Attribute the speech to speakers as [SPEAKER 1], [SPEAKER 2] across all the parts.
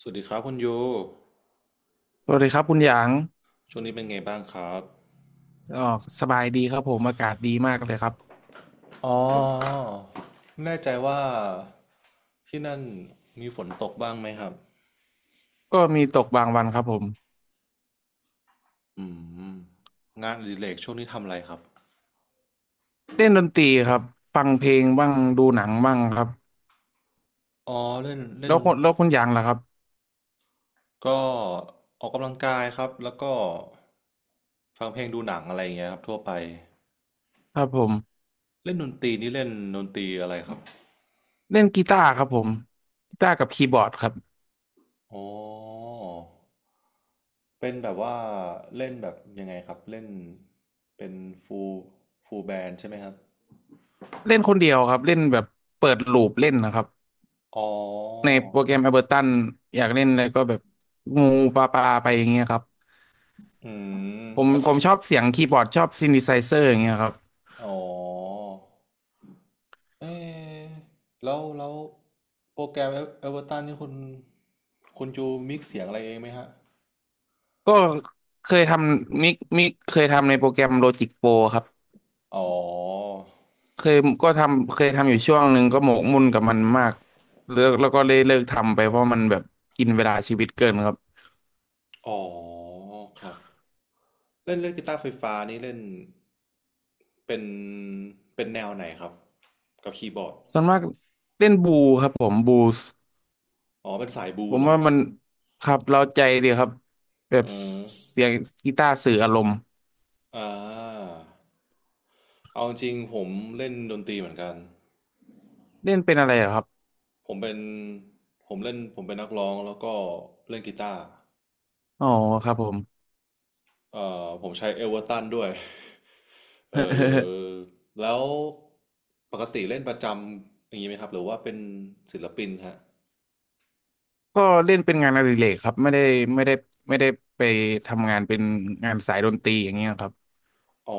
[SPEAKER 1] สวัสดีครับคุณโย
[SPEAKER 2] สวัสดีครับคุณหยาง
[SPEAKER 1] ช่วงนี้เป็นไงบ้างครับ
[SPEAKER 2] อ๋อสบายดีครับผมอากาศดีมากเลยครับ
[SPEAKER 1] อ๋อไม่แน่ใจว่าที่นั่นมีฝนตกบ้างไหมครับ
[SPEAKER 2] ก็มีตกบางวันครับผม
[SPEAKER 1] อืมงานอดิเรกช่วงนี้ทำอะไรครับ
[SPEAKER 2] เล่นดนตรีครับ ฟังเพลงบ้าง ดูหนังบ้างครับ
[SPEAKER 1] อ๋อเล่นเล่น
[SPEAKER 2] แล้ว
[SPEAKER 1] ดน
[SPEAKER 2] คนแล้วคุณหยางล่ะครับ
[SPEAKER 1] ก็ออกกำลังกายครับแล้วก็ฟังเพลงดูหนังอะไรอย่างเงี้ยครับทั่วไป
[SPEAKER 2] ครับผม
[SPEAKER 1] เล่นดนตรีนี่เล่นดนตรีอะไรครับ
[SPEAKER 2] เล่นกีตาร์ครับผมกีตาร์กับคีย์บอร์ดครับ
[SPEAKER 1] อ๋อเป็นแบบว่าเล่นแบบยังไงครับเล่นเป็นฟูลฟูลแบนใช่ไหมครับ
[SPEAKER 2] เล่นคนเดียวครับเล่นแบบเปิดลูปเล่นนะครับ
[SPEAKER 1] อ๋อ
[SPEAKER 2] ในโปรแกรม Ableton อยากเล่นอะไรก็แบบงูปลาปลาไปอย่างเงี้ยครับ
[SPEAKER 1] อืม
[SPEAKER 2] ผม
[SPEAKER 1] แล้วท
[SPEAKER 2] ผมชอบเสียงคีย์บอร์ดชอบซิน t ิไซเซอร์อย่างเงี้ยครับ
[SPEAKER 1] ำอ๋อเอ๊ะแล้ว โปรแกรมเอเวอร์ตันนี่คุณจูมิกซ์เสียงอะไรเองไหมฮะ
[SPEAKER 2] ก็เคยทำมิกเคยทำในโปรแกรม Logic Pro ครับ
[SPEAKER 1] อ๋อ
[SPEAKER 2] เคยก็ทำเคยทำอยู่ช่วงหนึ่งก็หมกมุ่นกับมันมากเลิกแล้วก็เลยเลิกทำไปเพราะมันแบบกินเวลาชีวิตเกินครับ
[SPEAKER 1] อ๋อครับเล่นเล่นกีตาร์ไฟฟ้านี่เล่น เป็น เป็นแนวไหนครับ กับคีย์บอร์ด
[SPEAKER 2] ส่วนมากเล่นบูครับผมบูส
[SPEAKER 1] อ๋อ เป็นสายบลู
[SPEAKER 2] ผม
[SPEAKER 1] เหรอ
[SPEAKER 2] ว่ามันครับเราใจดีครับแบบ
[SPEAKER 1] อืม
[SPEAKER 2] เสียงกีตาร์สื่ออารมณ์
[SPEAKER 1] อ่าเอาจริงผมเล่นดนตรีเหมือนกัน
[SPEAKER 2] เล่นเป็นอะไรเหรอครับ
[SPEAKER 1] ผมเป็นผมเป็นนักร้องแล้วก็เล่นกีตาร์
[SPEAKER 2] อ๋อครับผม
[SPEAKER 1] ผมใช้เอเวอร์ตันด้วย เออ แล้วปกติเล่นประจำอย่างนี้ไหมครับหรือว่าเป็นศิลปินฮะ
[SPEAKER 2] ก็เล่นเป็นงานอดิเรกครับไม่ได้ไม่ได้ไปทำงานเป็นงานสายดนตรีอย่างเงี้ยครับ
[SPEAKER 1] อ๋อ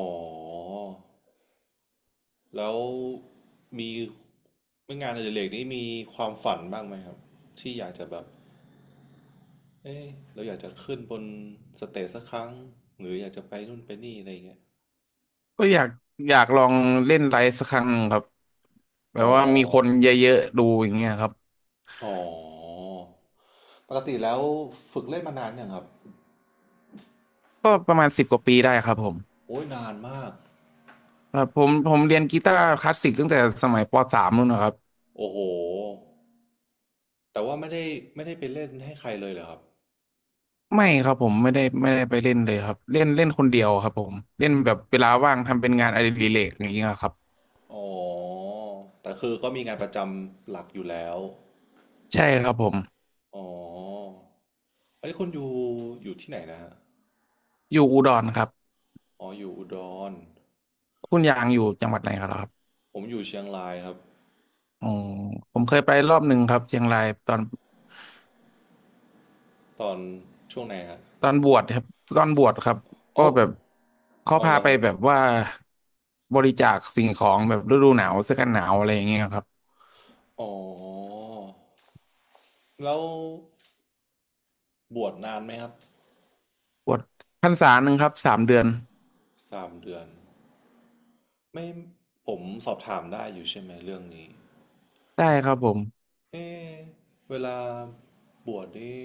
[SPEAKER 1] แล้วมีงานอดิเรกนี้มีความฝันบ้างไหมครับที่อยากจะแบบเอ้เราอยากจะขึ้นบนสเตจสักครั้งหรืออยากจะไปนู่นไปนี่อะไรอย่างเงี้ย
[SPEAKER 2] ก็อยากลองเล่นไลฟ์สักครั้งครับแบ
[SPEAKER 1] อ๋อ
[SPEAKER 2] บว่ามีคนเยอะๆดูอย่างเงี้ยครับ
[SPEAKER 1] อ๋อ ปกติแล้วฝึกเล่นมานานยังครับ
[SPEAKER 2] ก็ประมาณสิบกว่าปีได้ครับผม
[SPEAKER 1] โอ้ยนานมาก
[SPEAKER 2] ครับผมเรียนกีตาร์คลาสสิกตั้งแต่สมัยปสามนู่นนะครับ
[SPEAKER 1] โอ้โหแต่ว่าไม่ได้ไปเล่นให้ใครเลยเหรอครับ
[SPEAKER 2] ไม่ครับผมไม่ได้ไปเล่นเลยครับเล่นเล่นคนเดียวครับผมเล่นแบบเวลาว่างทำเป็นงานอดิเรกอย่างเงี้ยครับ
[SPEAKER 1] อ๋อแต่คือก็มีงานประจำหลักอยู่แล้ว
[SPEAKER 2] ใช่ครับผม
[SPEAKER 1] อ๋ออันนี้คุณอยู่อยู่ที่ไหนนะฮะ
[SPEAKER 2] อยู่อุดรครับ
[SPEAKER 1] อ๋ออยู่อุดร
[SPEAKER 2] คุณยางอยู่จังหวัดไหนครับ
[SPEAKER 1] ผมอยู่เชียงรายครับ
[SPEAKER 2] อ๋อผมเคยไปรอบหนึ่งครับเชียงรายตอน
[SPEAKER 1] ตอนช่วงไหนฮะ
[SPEAKER 2] ตอนบวชครับตอนบวชครับก็
[SPEAKER 1] อ๋อ
[SPEAKER 2] แบบเขา
[SPEAKER 1] อ๋อเหร
[SPEAKER 2] พา
[SPEAKER 1] อ
[SPEAKER 2] ไป
[SPEAKER 1] ครับ
[SPEAKER 2] แบบว่าบริจาคสิ่งของแบบฤดูหนาวเสื้อกันหนาวอะไรอย่างเงี้ยครับ
[SPEAKER 1] อ๋อแล้วบวชนานไหมครับ
[SPEAKER 2] บวชพรรษาหนึ่งครับสามเดือน
[SPEAKER 1] สามเดือนไม่ผมสอบถามได้อยู่ใช่ไหมเรื่องนี้
[SPEAKER 2] ได้ครับผม
[SPEAKER 1] เอะเวลาบวชนี่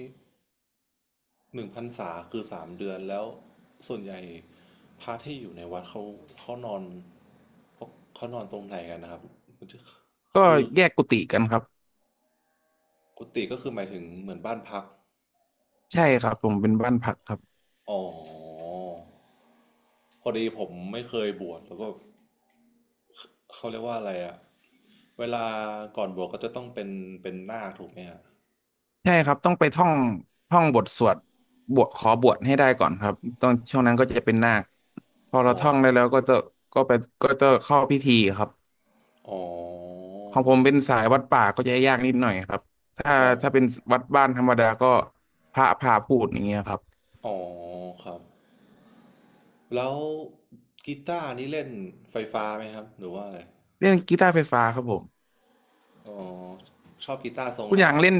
[SPEAKER 1] หนึ่งพรรษาคือสามเดือนแล้วส่วนใหญ่พระที่อยู่ในวัดเขาเขานอนเขาเขานอนตรงไหนกันนะครับมันจะ
[SPEAKER 2] ก็
[SPEAKER 1] คือ
[SPEAKER 2] แยกกุฏิกันครับ
[SPEAKER 1] กุฏิก็คือหมายถึงเหมือนบ้านพัก
[SPEAKER 2] ใช่ครับผมเป็นบ้านพักครับ
[SPEAKER 1] อ๋อพอดีผมไม่เคยบวชแล้วก็เขาเรียกว่าอะไรอะเวลาก่อนบวชก็จะต้องเป็นเป็นนาคถูกไหมฮะ
[SPEAKER 2] ใช่ครับต้องไปท่องบทสวดบวชขอบวชให้ได้ก่อนครับตอนช่วงนั้นก็จะเป็นนาคพอเรา
[SPEAKER 1] อ๋อ
[SPEAKER 2] ท่องได้แล้วก็จะก็ไปก็จะเข้าพิธีครับ
[SPEAKER 1] อ๋อ
[SPEAKER 2] ของผ
[SPEAKER 1] แบ
[SPEAKER 2] ม
[SPEAKER 1] บ
[SPEAKER 2] เป็นสายวัดป่าก็จะยากนิดหน่อยครับถ้า
[SPEAKER 1] อ๋อ
[SPEAKER 2] ถ้าเป็นวัดบ้านธรรมดาก็พระพาพูดอย่างเงี้ยครับ
[SPEAKER 1] อ๋อครับ แล้วกีตาร์นี่เล่นไฟฟ้าไหมครับหรือว่าอะไร
[SPEAKER 2] เล่นกีตาร์ไฟฟ้าครับผม
[SPEAKER 1] อ๋อชอบกีตาร์ทรง
[SPEAKER 2] คุณ
[SPEAKER 1] ไหน
[SPEAKER 2] อย่าง
[SPEAKER 1] ครับ
[SPEAKER 2] เล่น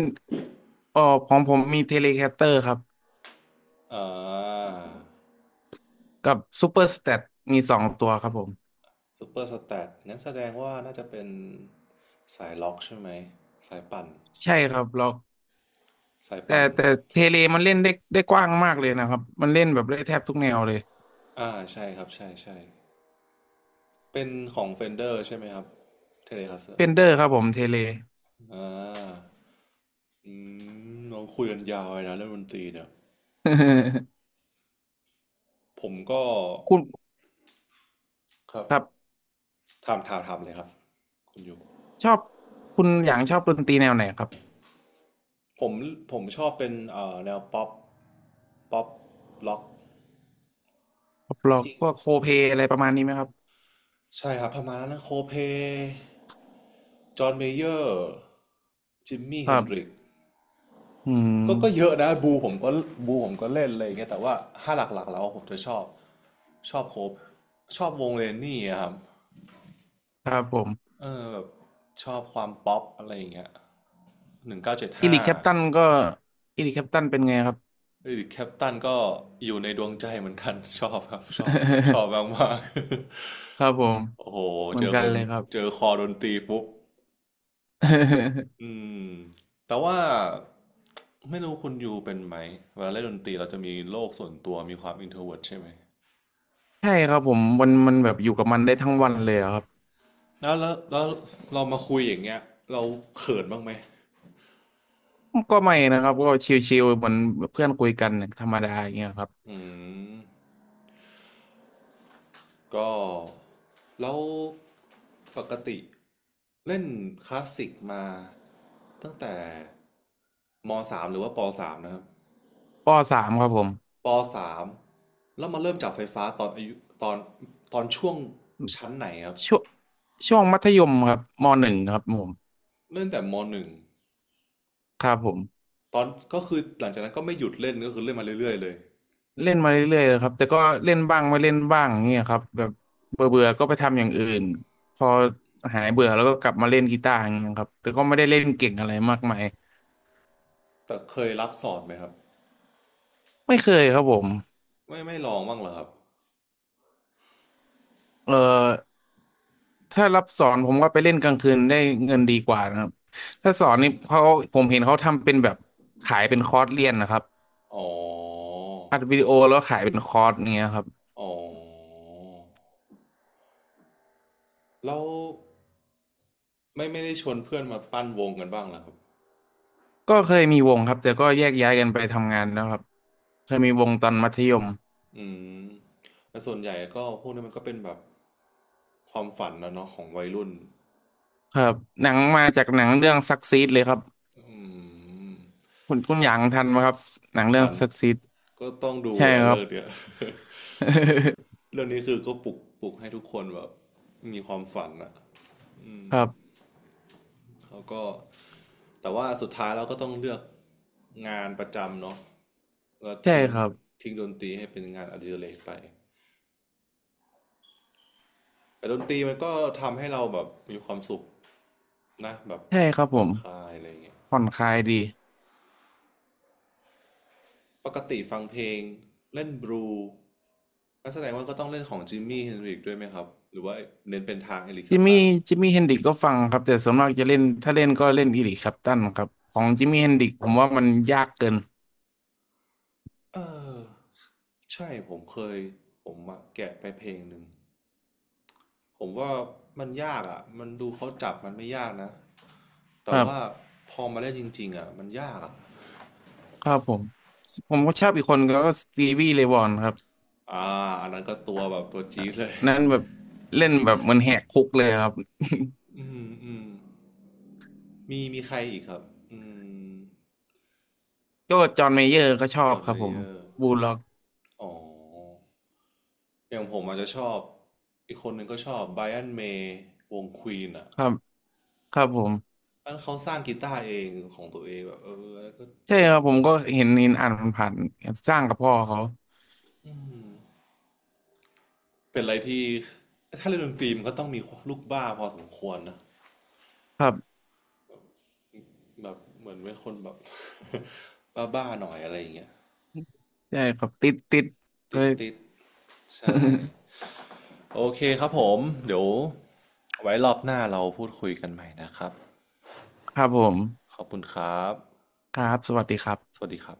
[SPEAKER 2] เอ๋อของผมมีเทเลแคสเตอร์ครับ
[SPEAKER 1] อ่า
[SPEAKER 2] กับซูเปอร์สเตตมีสองตัวครับผม
[SPEAKER 1] ซูเปอร์สแตทงั้นแสดงว่าน่าจะเป็นสายล็อกใช่ไหมสายปั่น
[SPEAKER 2] ใช่ครับ
[SPEAKER 1] สาย
[SPEAKER 2] แต่
[SPEAKER 1] ปั่น
[SPEAKER 2] แต่เทเลมันเล่นได้กว้างมากเลยนะครับมันเล่นแบบได้แทบทุกแนวเลย
[SPEAKER 1] อ่าใช่ครับใช่เป็นของเฟนเดอร์ใช่ไหมครับเทเลคาสเซอ
[SPEAKER 2] เฟ
[SPEAKER 1] ร์
[SPEAKER 2] นเดอร์ครับผมเทเล
[SPEAKER 1] อ่าอืมลองคุยกันยาวเลยนะเรื่องดนตรีเนี่ย ผมก็
[SPEAKER 2] คุณ
[SPEAKER 1] ครับ
[SPEAKER 2] ครับ
[SPEAKER 1] ถามเลยครับคุณอยู่
[SPEAKER 2] ชอบคุณอย่างชอบดนตรีแนวไหนครับ
[SPEAKER 1] ผมชอบเป็นแนวป๊อปป๊อปล็อกจ
[SPEAKER 2] ร็อก
[SPEAKER 1] ริง
[SPEAKER 2] พวกโคเพลอะไรประมาณนี้ไหมครับ
[SPEAKER 1] ๆใช่ครับประมาณนั้นโคเพจอห์นเมเยอร์จิมมี่
[SPEAKER 2] ค
[SPEAKER 1] เฮ
[SPEAKER 2] รั
[SPEAKER 1] นดริ
[SPEAKER 2] บ
[SPEAKER 1] ก
[SPEAKER 2] อืม
[SPEAKER 1] ก็เยอะนะบูผมก็บูผมก็เล่นอะไรอย่างเงี้ยแต่ว่าถ้าหลักๆแล้วผมจะชอบชอบโคบชอบวงเลนนี่อะครับ
[SPEAKER 2] ครับผม
[SPEAKER 1] เออแบบชอบความป๊อปอะไรอย่างเงี้ยหนึ่งเก้าเจ็ด
[SPEAKER 2] อิ
[SPEAKER 1] ห้า
[SPEAKER 2] ริกแคปตันก็อิริกแคปตันเป็นไงครับ
[SPEAKER 1] เดวิดแคปตันก็อยู่ในดวงใจเหมือนกัน ชอบครับชอบชอบมากๆ
[SPEAKER 2] ครับผม
[SPEAKER 1] โอ้โห
[SPEAKER 2] เหมื
[SPEAKER 1] เจ
[SPEAKER 2] อน
[SPEAKER 1] อ
[SPEAKER 2] กั
[SPEAKER 1] ค
[SPEAKER 2] น
[SPEAKER 1] น
[SPEAKER 2] เลยครับ
[SPEAKER 1] เจอคอดนตรีปุ๊บ อืมแต่ว่าไม่รู้คุณยูเป็นไหมเวลาเล่นดนตรีเราจะมีโลกส่วนตัวมีความอินเทรเวิร์ดใช่ไหม
[SPEAKER 2] ใช่ครับผมมันแบบอยู่กับมันได้ทั้งวันเลยอะครับ
[SPEAKER 1] แล้วเรามาคุยอย่างเงี้ยเราเขินบ้างไหม
[SPEAKER 2] ก็ไม่นะครับก็ชิลๆเหมือนเพื่อนคุยกันธรรมดาอย่างเงี้ยครับ
[SPEAKER 1] อืมก็แล้วปกติเล่นคลาสสิกมาตั้งแต่มสามหรือว่าปสามนะครับ
[SPEAKER 2] ปสามครับผม
[SPEAKER 1] ปสามแล้วมาเริ่มจับไฟฟ้าตอนอายุตอนช่วงชั้นไหนครับ
[SPEAKER 2] ช่วงช่วงมัธยมครับมหนึ่งครับผม
[SPEAKER 1] เล่นแต่มหนึ่ง
[SPEAKER 2] ครับผม
[SPEAKER 1] ตอนก็คือหลังจากนั้นก็ไม่หยุดเล่นก็คือเล่นมาเรื่อยๆเลย
[SPEAKER 2] เล่นมาเรื่อยๆเลยครับแต่ก็เล่นบ้างไม่เล่นบ้างเงี้ยครับแบบเบื่อเบื่อก็ไปทำอย่างอื่นพอหายเบื่อแล้วก็กลับมาเล่นกีตาร์อย่างเงี้ยครับแต่ก็ไม่ได้เล่นเก่งอะไรมากมาย
[SPEAKER 1] แต่เคยรับสอนไหมครับ
[SPEAKER 2] ไม่เคยครับผม
[SPEAKER 1] ไม่ลองบ้างเหรอครับ
[SPEAKER 2] เอ่อถ้ารับสอนผมว่าไปเล่นกลางคืนได้เงินดีกว่านะครับถ้าสอน
[SPEAKER 1] อ่
[SPEAKER 2] นี่เขา
[SPEAKER 1] า
[SPEAKER 2] ผมเห็นเขาทำเป็นแบบขายเป็นคอร์สเรียนนะครับ
[SPEAKER 1] อ๋อ
[SPEAKER 2] อัดวิดีโอแล้วขายเป็นคอร์สเงี้ยครับ
[SPEAKER 1] อ๋อแล้วไม่ไม่ได้ชวนเพื่อนมาปั้นวงกันบ้างเหรอครับ
[SPEAKER 2] ก็เคยมีวงครับแต่ก็แยกย้ายกันไปทำงานแล้วครับเคยมีวงตอนมัธยม
[SPEAKER 1] อืมแต่ส่วนใหญ่ก็พวกนี้มันก็เป็นแบบความฝันนะเนาะของวัยรุ่น
[SPEAKER 2] ครับหนังมาจากหนังเรื่องซักซีดเลยครับ
[SPEAKER 1] อืม
[SPEAKER 2] คุณหยางทันไหมครับหนังเรื่อง
[SPEAKER 1] ฐาน
[SPEAKER 2] ซักซีด
[SPEAKER 1] ก็ต้องดู
[SPEAKER 2] ใช่
[SPEAKER 1] แหละ
[SPEAKER 2] ครั
[SPEAKER 1] เรื่
[SPEAKER 2] บ
[SPEAKER 1] องเนี้ย เรื่องนี้คือก็ปลุกให้ทุกคนแบบมีความฝันอ่ะอื
[SPEAKER 2] ค
[SPEAKER 1] ม
[SPEAKER 2] รับ
[SPEAKER 1] แล้วก็แต่ว่าสุดท้ายเราก็ต้องเลือกงานประจำเนาะแล้ว
[SPEAKER 2] ใช่
[SPEAKER 1] ทิ้ง
[SPEAKER 2] ครับ
[SPEAKER 1] ทิ้งดนตรีให้เป็นงานอดิเรกไปแต่ดนตรีมันก็ทำให้เราแบบมีความสุขนะแบบ
[SPEAKER 2] ใช่ครับ
[SPEAKER 1] ผ่
[SPEAKER 2] ผ
[SPEAKER 1] อน
[SPEAKER 2] ม
[SPEAKER 1] คลายอะไรอย่างเงี้ย
[SPEAKER 2] ผ่อนคลายดี
[SPEAKER 1] ปกติฟังเพลงเล่นบลูงั้นแสดงว่าก็ต้องเล่นของจิมมี่เฮนริกด้วยไหมครับหรือว่าเน้นเป็นทางเอริกแคล
[SPEAKER 2] จิม
[SPEAKER 1] ปตั
[SPEAKER 2] มี่
[SPEAKER 1] น
[SPEAKER 2] จิมมี่เฮนดริกก็ฟังครับแต่ส่วนมากจะเล่นถ้าเล่นก็เล่นอีริคแคลปตันครับของจิมมี่เฮนดริกผมว่ามันยากเกิน
[SPEAKER 1] เออใช่ผมเคยผมอะแกะไปเพลงหนึ่งผมว่ามันยากอ่ะมันดูเขาจับมันไม่ยากนะ
[SPEAKER 2] ค
[SPEAKER 1] แต่
[SPEAKER 2] รั
[SPEAKER 1] ว่า
[SPEAKER 2] บ
[SPEAKER 1] พอมาเล่นจริงๆอ่ะมันยากอะ
[SPEAKER 2] ครับผมผมก็ชอบอีกคนก็สตีวีเลย์วอนครับ
[SPEAKER 1] อ่าอันนั้นก็ตัวแบบตัวจี๊ดเลย
[SPEAKER 2] นั้นแบบเล่นแบบเหมันแหกคุกเลยครับ
[SPEAKER 1] อืมมีใครอีกครับอืม
[SPEAKER 2] ก็จอห์นเมเยอร์ก็ชอ
[SPEAKER 1] จ
[SPEAKER 2] บ
[SPEAKER 1] อร์น
[SPEAKER 2] ค
[SPEAKER 1] เม
[SPEAKER 2] รับผ
[SPEAKER 1] เย
[SPEAKER 2] ม
[SPEAKER 1] อร์
[SPEAKER 2] บูลล็อก
[SPEAKER 1] อ๋ออย่างผมอาจจะชอบอีกคนหนึ่งก็ชอบไบรอันเมย์วงควีนอ่ะ
[SPEAKER 2] ครับครับผม
[SPEAKER 1] อันเขาสร้างกีตาร์เองของตัวเองแบบเออแล้วก็
[SPEAKER 2] ใช่
[SPEAKER 1] เจ๋ง
[SPEAKER 2] ครับผ
[SPEAKER 1] มา
[SPEAKER 2] ม
[SPEAKER 1] ก
[SPEAKER 2] ก็เห็นอ่านผ่านๆสร้างกับพ่อเขา
[SPEAKER 1] อืม เป็นอะไรที่ถ้าเล่นดนตรีมันก็ต้องมีลูกบ้าพอสมควรนะ
[SPEAKER 2] ครับ
[SPEAKER 1] แบบเหมือนเป็นคนแบบ บ้าๆหน่อยอะไรอย่างเงี้ย
[SPEAKER 2] ใช่ครับติดเค
[SPEAKER 1] ติด
[SPEAKER 2] ย
[SPEAKER 1] ติดๆใช่โอเคครับผมเดี๋ยวไว้รอบหน้าเราพูดคุยกันใหม่นะครับ
[SPEAKER 2] ครับผม
[SPEAKER 1] ขอบคุณครับ
[SPEAKER 2] ครับสวัสดีครั
[SPEAKER 1] ส
[SPEAKER 2] บ
[SPEAKER 1] วัสดีครับ